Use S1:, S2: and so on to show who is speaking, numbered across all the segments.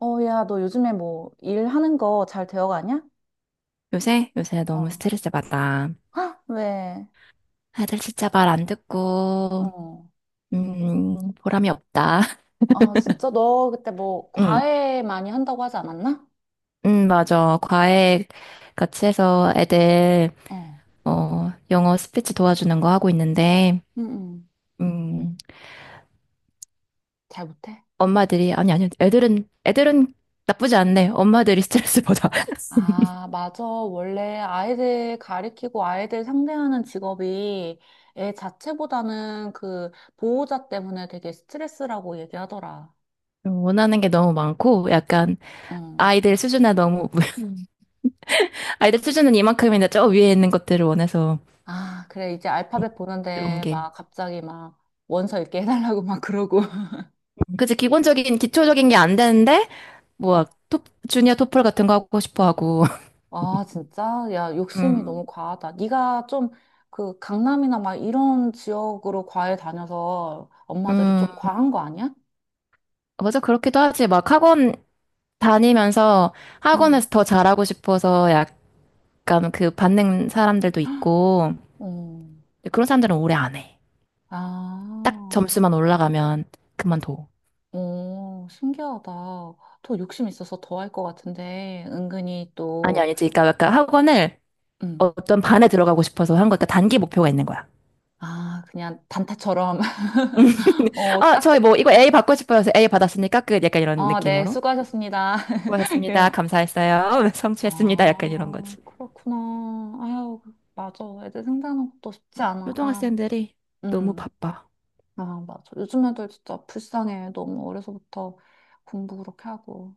S1: 어, 야, 너 요즘에 뭐 일하는 거 잘 되어가냐?
S2: 요새? 요새
S1: 어.
S2: 너무 스트레스 받아.
S1: 헉, 왜?
S2: 애들 진짜 말 안 듣고,
S1: 어.
S2: 보람이 없다.
S1: 아, 진짜? 너 그때 뭐
S2: 응,
S1: 과외 많이 한다고 하지 않았나?
S2: 응, 맞아. 과외 같이 해서 애들,
S1: 어.
S2: 어, 영어 스피치 도와주는 거 하고 있는데,
S1: 응, 응.
S2: 음,
S1: 잘 못해?
S2: 엄마들이, 아니, 아니, 애들은, 애들은 나쁘지 않네. 엄마들이 스트레스 받아.
S1: 아, 맞아. 원래 아이들 가리키고 아이들 상대하는 직업이 애 자체보다는 그 보호자 때문에 되게 스트레스라고 얘기하더라.
S2: 원하는 게 너무 많고, 약간,
S1: 응.
S2: 아이들 수준에 너무, 아이들 수준은 이만큼인데 저 위에 있는 것들을 원해서,
S1: 아, 그래. 이제
S2: 음,
S1: 알파벳
S2: 그런
S1: 보는데
S2: 게.
S1: 막 갑자기 막 원서 읽게 해달라고 막 그러고.
S2: 그치, 기본적인, 기초적인 게 안 되는데, 뭐, 토, 주니어 토플 같은 거 하고 싶어 하고.
S1: 아, 진짜? 야, 욕심이
S2: 음,
S1: 너무 과하다. 네가 좀 그 강남이나 막 이런 지역으로 과외 다녀서 엄마들이 좀
S2: 음,
S1: 과한 거 아니야?
S2: 맞아. 그렇기도 하지. 막 학원 다니면서
S1: 응.
S2: 학원에서 더 잘하고 싶어서 약간 그 받는 사람들도 있고.
S1: 어.
S2: 근데 그런 사람들은 오래 안 해. 딱
S1: 아,
S2: 점수만 올라가면 그만둬.
S1: 오, 신기하다. 더 욕심 있어서 더 할 것 같은데, 은근히
S2: 아니,
S1: 또,
S2: 아니지. 그러니까 약간 학원을
S1: 음,
S2: 어떤 반에 들어가고 싶어서 한 거, 그러니까 단기 목표가 있는 거야.
S1: 아, 그냥 단타처럼, 어,
S2: 아,
S1: 딱,
S2: 저희 뭐, 이거 A 받고 싶어서 A 받았으니까 끝. 약간 이런
S1: 아, 네,
S2: 느낌으로.
S1: 수고하셨습니다.
S2: 수고하셨습니다.
S1: 예.
S2: 감사했어요. 성취했습니다. 약간 이런
S1: 아,
S2: 거지.
S1: 그렇구나. 아유, 맞아. 애들 생각하는 것도 쉽지 않아. 아.
S2: 초등학생들이 너무
S1: 음,
S2: 바빠.
S1: 아, 맞아. 요즘 애들 진짜 불쌍해. 너무 어려서부터 공부 그렇게 하고.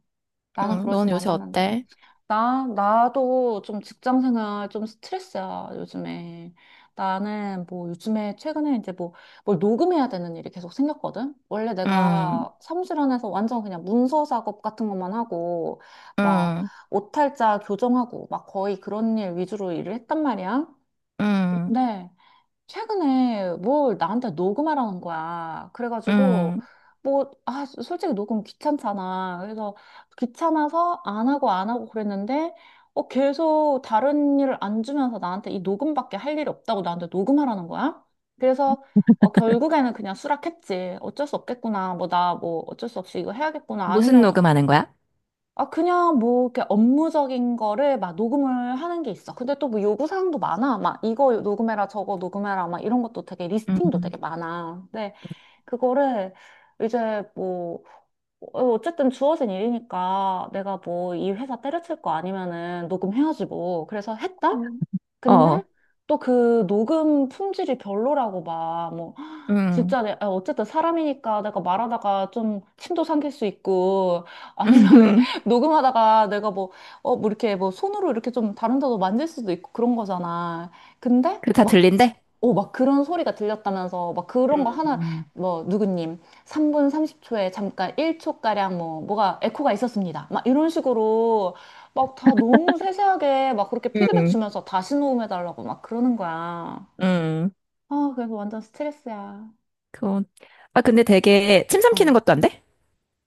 S1: 나는
S2: 응, 넌
S1: 그러진
S2: 요새
S1: 않았는데.
S2: 어때?
S1: 나도 좀 직장 생활 좀 스트레스야, 요즘에. 나는 뭐 요즘에 최근에 이제 뭐 뭘 녹음해야 되는 일이 계속 생겼거든? 원래
S2: 응,
S1: 내가 사무실 안에서 완전 그냥 문서 작업 같은 것만 하고, 막
S2: 응,
S1: 오탈자 교정하고, 막 거의 그런 일 위주로 일을 했단 말이야.
S2: 응,
S1: 근데 최근에 뭘 나한테 녹음하라는 거야. 그래가지고,
S2: 응.
S1: 뭐, 아, 솔직히 녹음 귀찮잖아. 그래서 귀찮아서 안 하고 안 하고 그랬는데, 어, 계속 다른 일을 안 주면서 나한테 이 녹음밖에 할 일이 없다고 나한테 녹음하라는 거야. 그래서, 어, 결국에는 그냥 수락했지. 어쩔 수 없겠구나. 뭐, 나 뭐 어쩔 수 없이 이거 해야겠구나.
S2: 무슨
S1: 아니면
S2: 녹음하는 거야?
S1: 아, 그냥 뭐, 이렇게 업무적인 거를 막 녹음을 하는 게 있어. 근데 또 뭐 요구사항도 많아. 막 이거 녹음해라, 저거 녹음해라, 막 이런 것도 되게 리스팅도 되게
S2: 응,
S1: 많아. 근데 그거를 이제 뭐, 어, 어쨌든 주어진 일이니까 내가 뭐 이 회사 때려칠 거 아니면은 녹음해야지 뭐. 그래서 했다?
S2: 응
S1: 근데
S2: 어,
S1: 또 그 녹음 품질이 별로라고 막, 뭐
S2: 응.
S1: 진짜 내, 아, 어쨌든 사람이니까 내가 말하다가 좀 침도 삼킬 수 있고 아니면은 녹음하다가 내가 뭐, 어, 뭐 이렇게 뭐 손으로 이렇게 좀 다른 데도 만질 수도 있고 그런 거잖아. 근데
S2: 그거 다
S1: 막,
S2: 들린대?
S1: 어, 막 그런 소리가 들렸다면서 막 그런 거 하나
S2: 응,
S1: 뭐 누구님 3분 30초에 잠깐 1초가량 뭐가 에코가 있었습니다. 막 이런 식으로 막 다 너무 세세하게 막 그렇게 피드백
S2: 응,
S1: 주면서 다시 녹음해달라고 막 그러는 거야.
S2: 응.
S1: 아, 그래서 완전 스트레스야.
S2: 그건, 아, 근데 되게 침
S1: 어.
S2: 삼키는 것도 안 돼?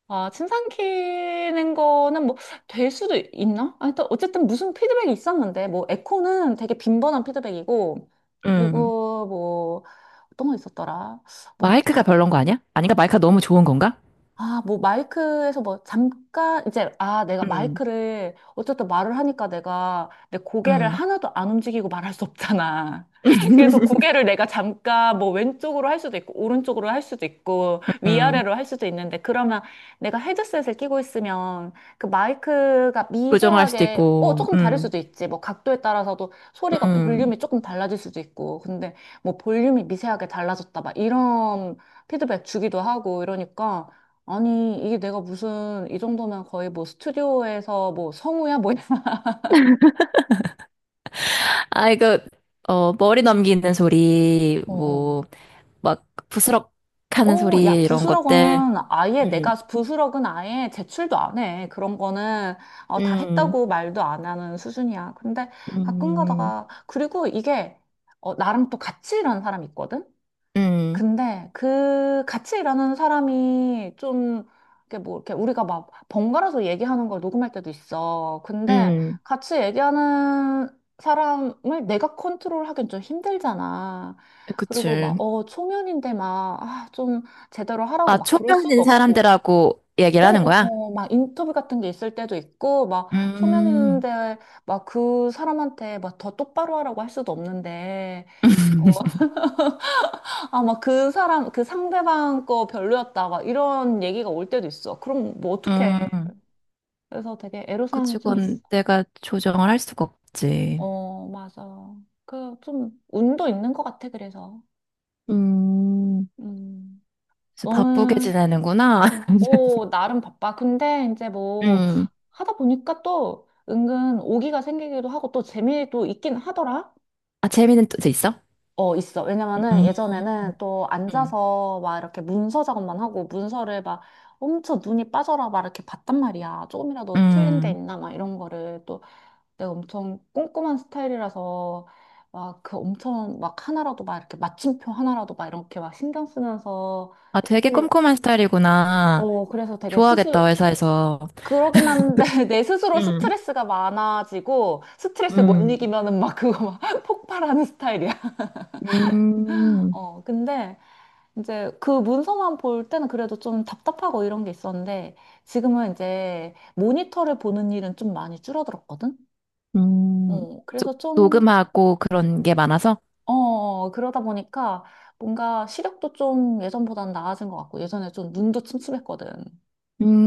S1: 아, 침 삼키는 거는 뭐, 될 수도 있나? 아, 일단, 어쨌든 무슨 피드백이 있었는데, 뭐, 에코는 되게 빈번한 피드백이고,
S2: 응.
S1: 그리고 뭐, 어떤 거 있었더라? 뭐,
S2: 마이크가 별론 거 아니야? 아닌가? 마이크가 너무 좋은 건가?
S1: 아, 뭐 마이크에서 뭐 잠깐 이제 아, 내가
S2: 응,
S1: 마이크를 어쨌든 말을 하니까 내가 내 고개를
S2: 응,
S1: 하나도 안 움직이고 말할 수 없잖아. 그래서 고개를 내가 잠깐 뭐 왼쪽으로 할 수도 있고 오른쪽으로 할 수도 있고
S2: 응.
S1: 위아래로 할 수도 있는데 그러면 내가 헤드셋을 끼고 있으면 그 마이크가
S2: 부정할 수도
S1: 미세하게 어
S2: 있고,
S1: 조금 다를
S2: 응,
S1: 수도 있지. 뭐 각도에 따라서도 소리가
S2: 응.
S1: 볼륨이 조금 달라질 수도 있고. 근데 뭐 볼륨이 미세하게 달라졌다 막 이런 피드백 주기도 하고 이러니까 아니, 이게 내가 무슨, 이 정도면 거의 뭐 스튜디오에서 뭐 성우야? 뭐이
S2: 아, 이거, 어, 머리 넘기는 소리,
S1: 어, 어.
S2: 뭐, 막, 부스럭 하는
S1: 어, 야,
S2: 소리, 이런 것들.
S1: 부스럭은 아예
S2: 음,
S1: 내가 부스럭은 아예 제출도 안 해. 그런 거는 어, 다
S2: 음,
S1: 했다고 말도 안 하는 수준이야. 근데 가끔
S2: 음,
S1: 가다가 그리고 이게 어, 나랑 또 같이 일하는 사람이 있거든?
S2: 음,
S1: 근데 그 같이 일하는 사람이 좀 이렇게 뭐 이렇게 우리가 막 번갈아서 얘기하는 걸 녹음할 때도 있어. 근데
S2: 음.
S1: 같이 얘기하는 사람을 내가 컨트롤하긴 좀 힘들잖아. 그리고 막,
S2: 그치.
S1: 어, 초면인데 막, 아, 좀 제대로 하라고
S2: 아,
S1: 막 그럴 수도
S2: 초면인
S1: 없고.
S2: 사람들하고 얘기를
S1: 어,
S2: 하는
S1: 어,
S2: 거야?
S1: 어, 막 인터뷰 같은 게 있을 때도 있고, 막
S2: 음,
S1: 초면인데 막 그 사람한테 막 더 똑바로 하라고 할 수도 없는데. 아, 막 그 사람, 그 상대방 거 별로였다. 막 이런 얘기가 올 때도 있어. 그럼 뭐 어떡해.
S2: 음.
S1: 그래서 되게
S2: 그치,
S1: 애로사항이 좀 있어.
S2: 그건 내가 조정을 할 수가 없지.
S1: 어, 맞아. 그 좀 운도 있는 것 같아, 그래서.
S2: 음,
S1: 음,
S2: 그래서 바쁘게
S1: 너는,
S2: 지내는구나.
S1: 오, 나름 바빠. 근데 이제 뭐
S2: 음.
S1: 하다 보니까 또 은근 오기가 생기기도 하고 또 재미도 있긴 하더라.
S2: 아, 재미는 또 있어?
S1: 어, 있어. 왜냐면은
S2: 음,
S1: 예전에는 또
S2: 음.
S1: 앉아서 막 이렇게 문서 작업만 하고 문서를 막 엄청 눈이 빠져라 막 이렇게 봤단 말이야. 조금이라도 틀린 데
S2: 음.
S1: 있나 막 이런 거를 또 내가 엄청 꼼꼼한 스타일이라서 막 그 엄청 막 하나라도 막 이렇게 마침표 하나라도 막 이렇게 막 신경 쓰면서
S2: 아, 되게
S1: 예쁘게-
S2: 꼼꼼한 스타일이구나.
S1: 어, 그래서 되게 스스
S2: 좋아하겠다, 회사에서.
S1: 그러긴 한데 내 스스로
S2: 응,
S1: 스트레스가 많아지고 스트레스 못
S2: 응.
S1: 이기면은 막 그거 막 폭발하는 스타일이야.
S2: 음,
S1: 어, 근데 이제 그 문서만 볼 때는 그래도 좀 답답하고 이런 게 있었는데 지금은 이제 모니터를 보는 일은 좀 많이 줄어들었거든?
S2: 음,
S1: 어,
S2: 저-
S1: 그래서 좀,
S2: 녹음하고 그런 게 많아서?
S1: 어, 어, 그러다 보니까 뭔가 시력도 좀 예전보다는 나아진 것 같고 예전에 좀 눈도 침침했거든.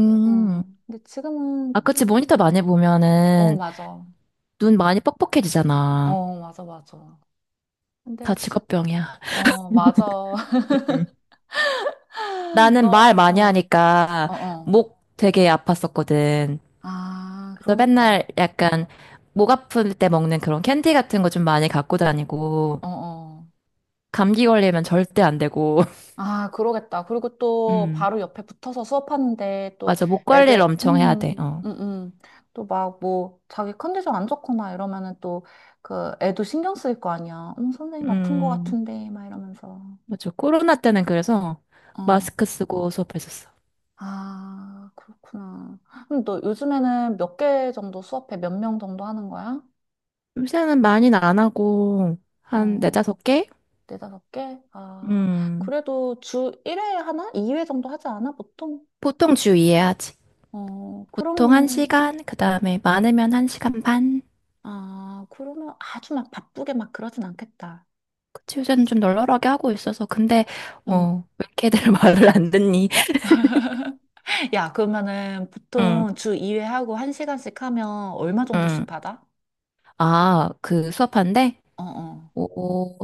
S1: 네. 어, 근데 지금은,
S2: 아, 그치. 모니터 많이
S1: 어,
S2: 보면은
S1: 맞아.
S2: 눈 많이 뻑뻑해지잖아.
S1: 어, 맞아, 맞아.
S2: 다
S1: 근데, 지,
S2: 직업병이야.
S1: 어, 맞아.
S2: 음.
S1: 너,
S2: 나는 말 많이
S1: 어,
S2: 하니까
S1: 어, 어.
S2: 목 되게 아팠었거든.
S1: 아,
S2: 그래서
S1: 그러겠다.
S2: 맨날 약간 목 아플 때 먹는 그런 캔디 같은 거 좀 많이 갖고 다니고,
S1: 어, 어.
S2: 감기 걸리면 절대 안 되고.
S1: 아, 그러겠다. 그리고 또
S2: 음.
S1: 바로 옆에 붙어서 수업하는데 또
S2: 맞아. 목 관리를
S1: 애들,
S2: 엄청 해야 돼. 어.
S1: 또 막 뭐 자기 컨디션 안 좋거나 이러면은 또 그 애도 신경 쓰일 거 아니야. 선생님 아픈 거
S2: 음,
S1: 같은데 막 이러면서.
S2: 맞아. 코로나 때는 그래서
S1: 어.
S2: 마스크 쓰고 수업했었어.
S1: 아, 그렇구나. 그럼 너 요즘에는 몇 개 정도 수업해? 몇 명 정도 하는 거야?
S2: 요새는 많이는 안 하고, 한
S1: 어,
S2: 네다섯 개?
S1: 네다섯 개? 아,
S2: 음,
S1: 그래도 주 1회 하나? 2회 정도 하지 않아? 보통?
S2: 보통 주의회 하지.
S1: 어,
S2: 보통
S1: 그러면은.
S2: 한시간그 다음에 많으면 한시간 반.
S1: 아, 그러면 아주 막 바쁘게 막 그러진 않겠다.
S2: 그치, 요새는 좀 널널하게 하고 있어서. 근데,
S1: 음.
S2: 어, 왜 이렇게 애들 말을 안 듣니?
S1: 야, 그러면은
S2: 응,
S1: 보통 주 2회 하고 1시간씩 하면 얼마 정도씩
S2: 응.
S1: 받아?
S2: 아, 그 수업한데?
S1: 어, 어,
S2: 오,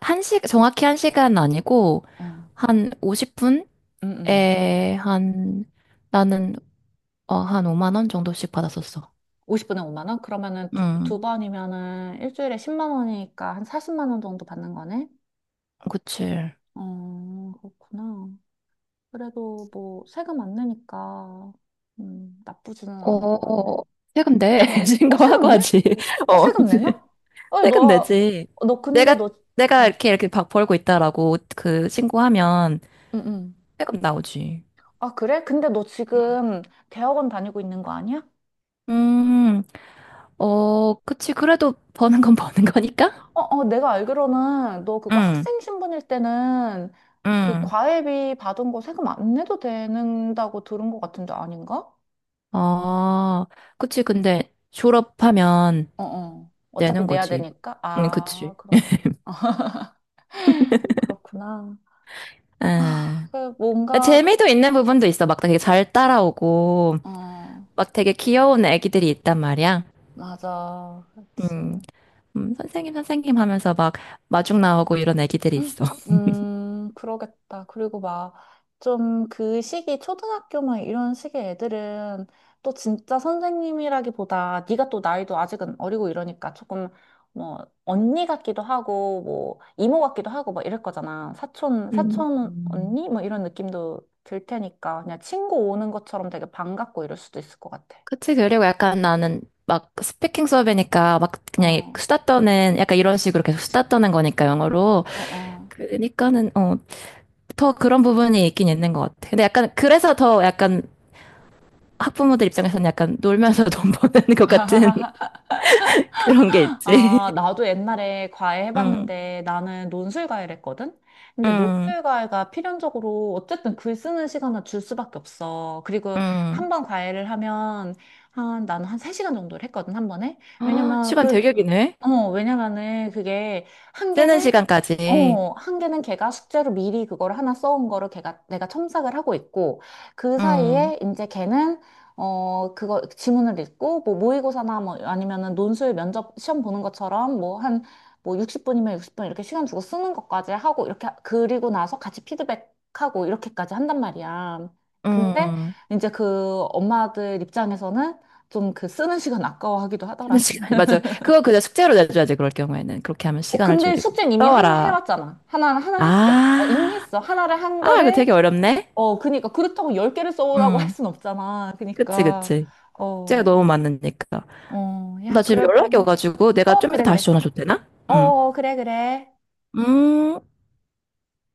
S2: 한 시, 정확히 한시간 아니고,
S1: 어.
S2: 한 50분?
S1: 음.
S2: 에, 한, 나는, 어, 한 5만 원 정도씩 받았었어.
S1: 50분에 5만 원? 그러면은 두,
S2: 음,
S1: 두 번이면은 일주일에 10만 원이니까 한 40만 원 정도 받는 거네?
S2: 그치.
S1: 어, 그렇구나. 그래도 뭐 세금 안 내니까 나쁘지는 않을
S2: 어,
S1: 것 같네.
S2: 세금 내.
S1: 어,
S2: 신고하고
S1: 세금 내?
S2: 하지.
S1: 어,
S2: 어,
S1: 세금 내나? 어,
S2: 세금
S1: 너,
S2: 내지.
S1: 너 근데
S2: 내가,
S1: 너,
S2: 내가
S1: 응
S2: 이렇게, 이렇게 박 벌고 있다라고 그 신고하면
S1: 응, 응.
S2: 세금 나오지.
S1: 아, 그래? 근데 너
S2: 음,
S1: 지금 대학원 다니고 있는 거 아니야?
S2: 음, 어, 그치. 그래도 버는 건 버는 거니까?
S1: 어, 어, 내가 알기로는 너 그거
S2: 응,
S1: 학생 신분일 때는 그
S2: 응.
S1: 과외비 받은 거 세금 안 내도 되는다고 들은 것 같은데 아닌가?
S2: 아, 그치. 근데 졸업하면
S1: 어, 어. 어차피
S2: 내는
S1: 내야
S2: 거지.
S1: 되니까.
S2: 응,
S1: 아,
S2: 그치.
S1: 그런 거. 그렇구나. 아,
S2: 에.
S1: 그 뭔가, 그-
S2: 재미도 있는 부분도 있어. 막 되게 잘 따라오고,
S1: 어,
S2: 막 되게 귀여운 애기들이 있단 말이야.
S1: 맞아. 그렇지.
S2: 음, 선생님, 선생님 하면서 막 마중 나오고 이런 애기들이 있어.
S1: 그러겠다. 그리고 막, 좀 그 시기, 초등학교 막 이런 시기의 애들은 또 진짜 선생님이라기보다 네가 또 나이도 아직은 어리고 이러니까 조금 뭐, 언니 같기도 하고, 뭐, 이모 같기도 하고 막 이럴 거잖아. 사촌,
S2: 음.
S1: 사촌 언니? 뭐 이런 느낌도 들 테니까 그냥 친구 오는 것처럼 되게 반갑고 이럴 수도 있을 것 같아.
S2: 그치, 그리고 약간 나는 막 스피킹 수업이니까 막 그냥
S1: 어,
S2: 수다 떠는, 약간 이런 식으로 계속 수다 떠는 거니까, 영어로.
S1: 어, 어.
S2: 그러니까는, 어, 더 그런 부분이 있긴 있는 것 같아. 근데 약간, 그래서 더 약간 학부모들 입장에서는 약간 놀면서 돈 버는 것 같은 그런 게
S1: 아,
S2: 있지.
S1: 나도 옛날에 과외
S2: 응,
S1: 해봤는데 나는 논술 과외를 했거든? 근데
S2: 응,
S1: 논술 과외가 필연적으로 어쨌든 글 쓰는 시간을 줄 수밖에 없어. 그리고 한
S2: 응.
S1: 번 과외를 하면 한, 나는 한 3시간 정도를 했거든, 한 번에.
S2: 아,
S1: 왜냐면
S2: 시간
S1: 그,
S2: 되게 기네.
S1: 어, 왜냐면은 그게 한
S2: 쓰는
S1: 개는
S2: 시간까지.
S1: 어, 한 개는 걔가 숙제로 미리 그걸 하나 써온 거를 걔가 내가 첨삭을 하고 있고 그
S2: 음,
S1: 사이에 이제 걔는 어, 그거 지문을 읽고 뭐 모의고사나 뭐 아니면은 논술 면접 시험 보는 것처럼 뭐 한 뭐 60분이면 60분 이렇게 시간 주고 쓰는 것까지 하고 이렇게 하- 그리고 나서 같이 피드백하고 이렇게까지 한단 말이야. 근데
S2: 음.
S1: 이제 그 엄마들 입장에서는 좀 그 쓰는 시간 아까워하기도
S2: 쓰는
S1: 하더라.
S2: 시간, 맞아. 그거 그냥 숙제로 내줘야지, 그럴 경우에는. 그렇게 하면
S1: 어,
S2: 시간을
S1: 근데
S2: 줄이고.
S1: 숙제는 이미 하나
S2: 써와라.
S1: 해왔잖아. 하나 했어. 어, 이미
S2: 아,
S1: 했어. 하나를 한
S2: 아, 이거
S1: 거를,
S2: 되게 어렵네?
S1: 어, 그니까. 그렇다고 열 개를 써오라고 할
S2: 음,
S1: 순 없잖아.
S2: 그치,
S1: 그니까,
S2: 그치. 숙제가
S1: 어,
S2: 너무 많으니까.
S1: 어,
S2: 나
S1: 야,
S2: 지금
S1: 그래도.
S2: 연락이 와가지고 내가
S1: 어,
S2: 좀 이따
S1: 그래,
S2: 다시
S1: 그래.
S2: 전화 줘도 되나?
S1: 어,
S2: 음.
S1: 어, 그래, 그래.
S2: 음.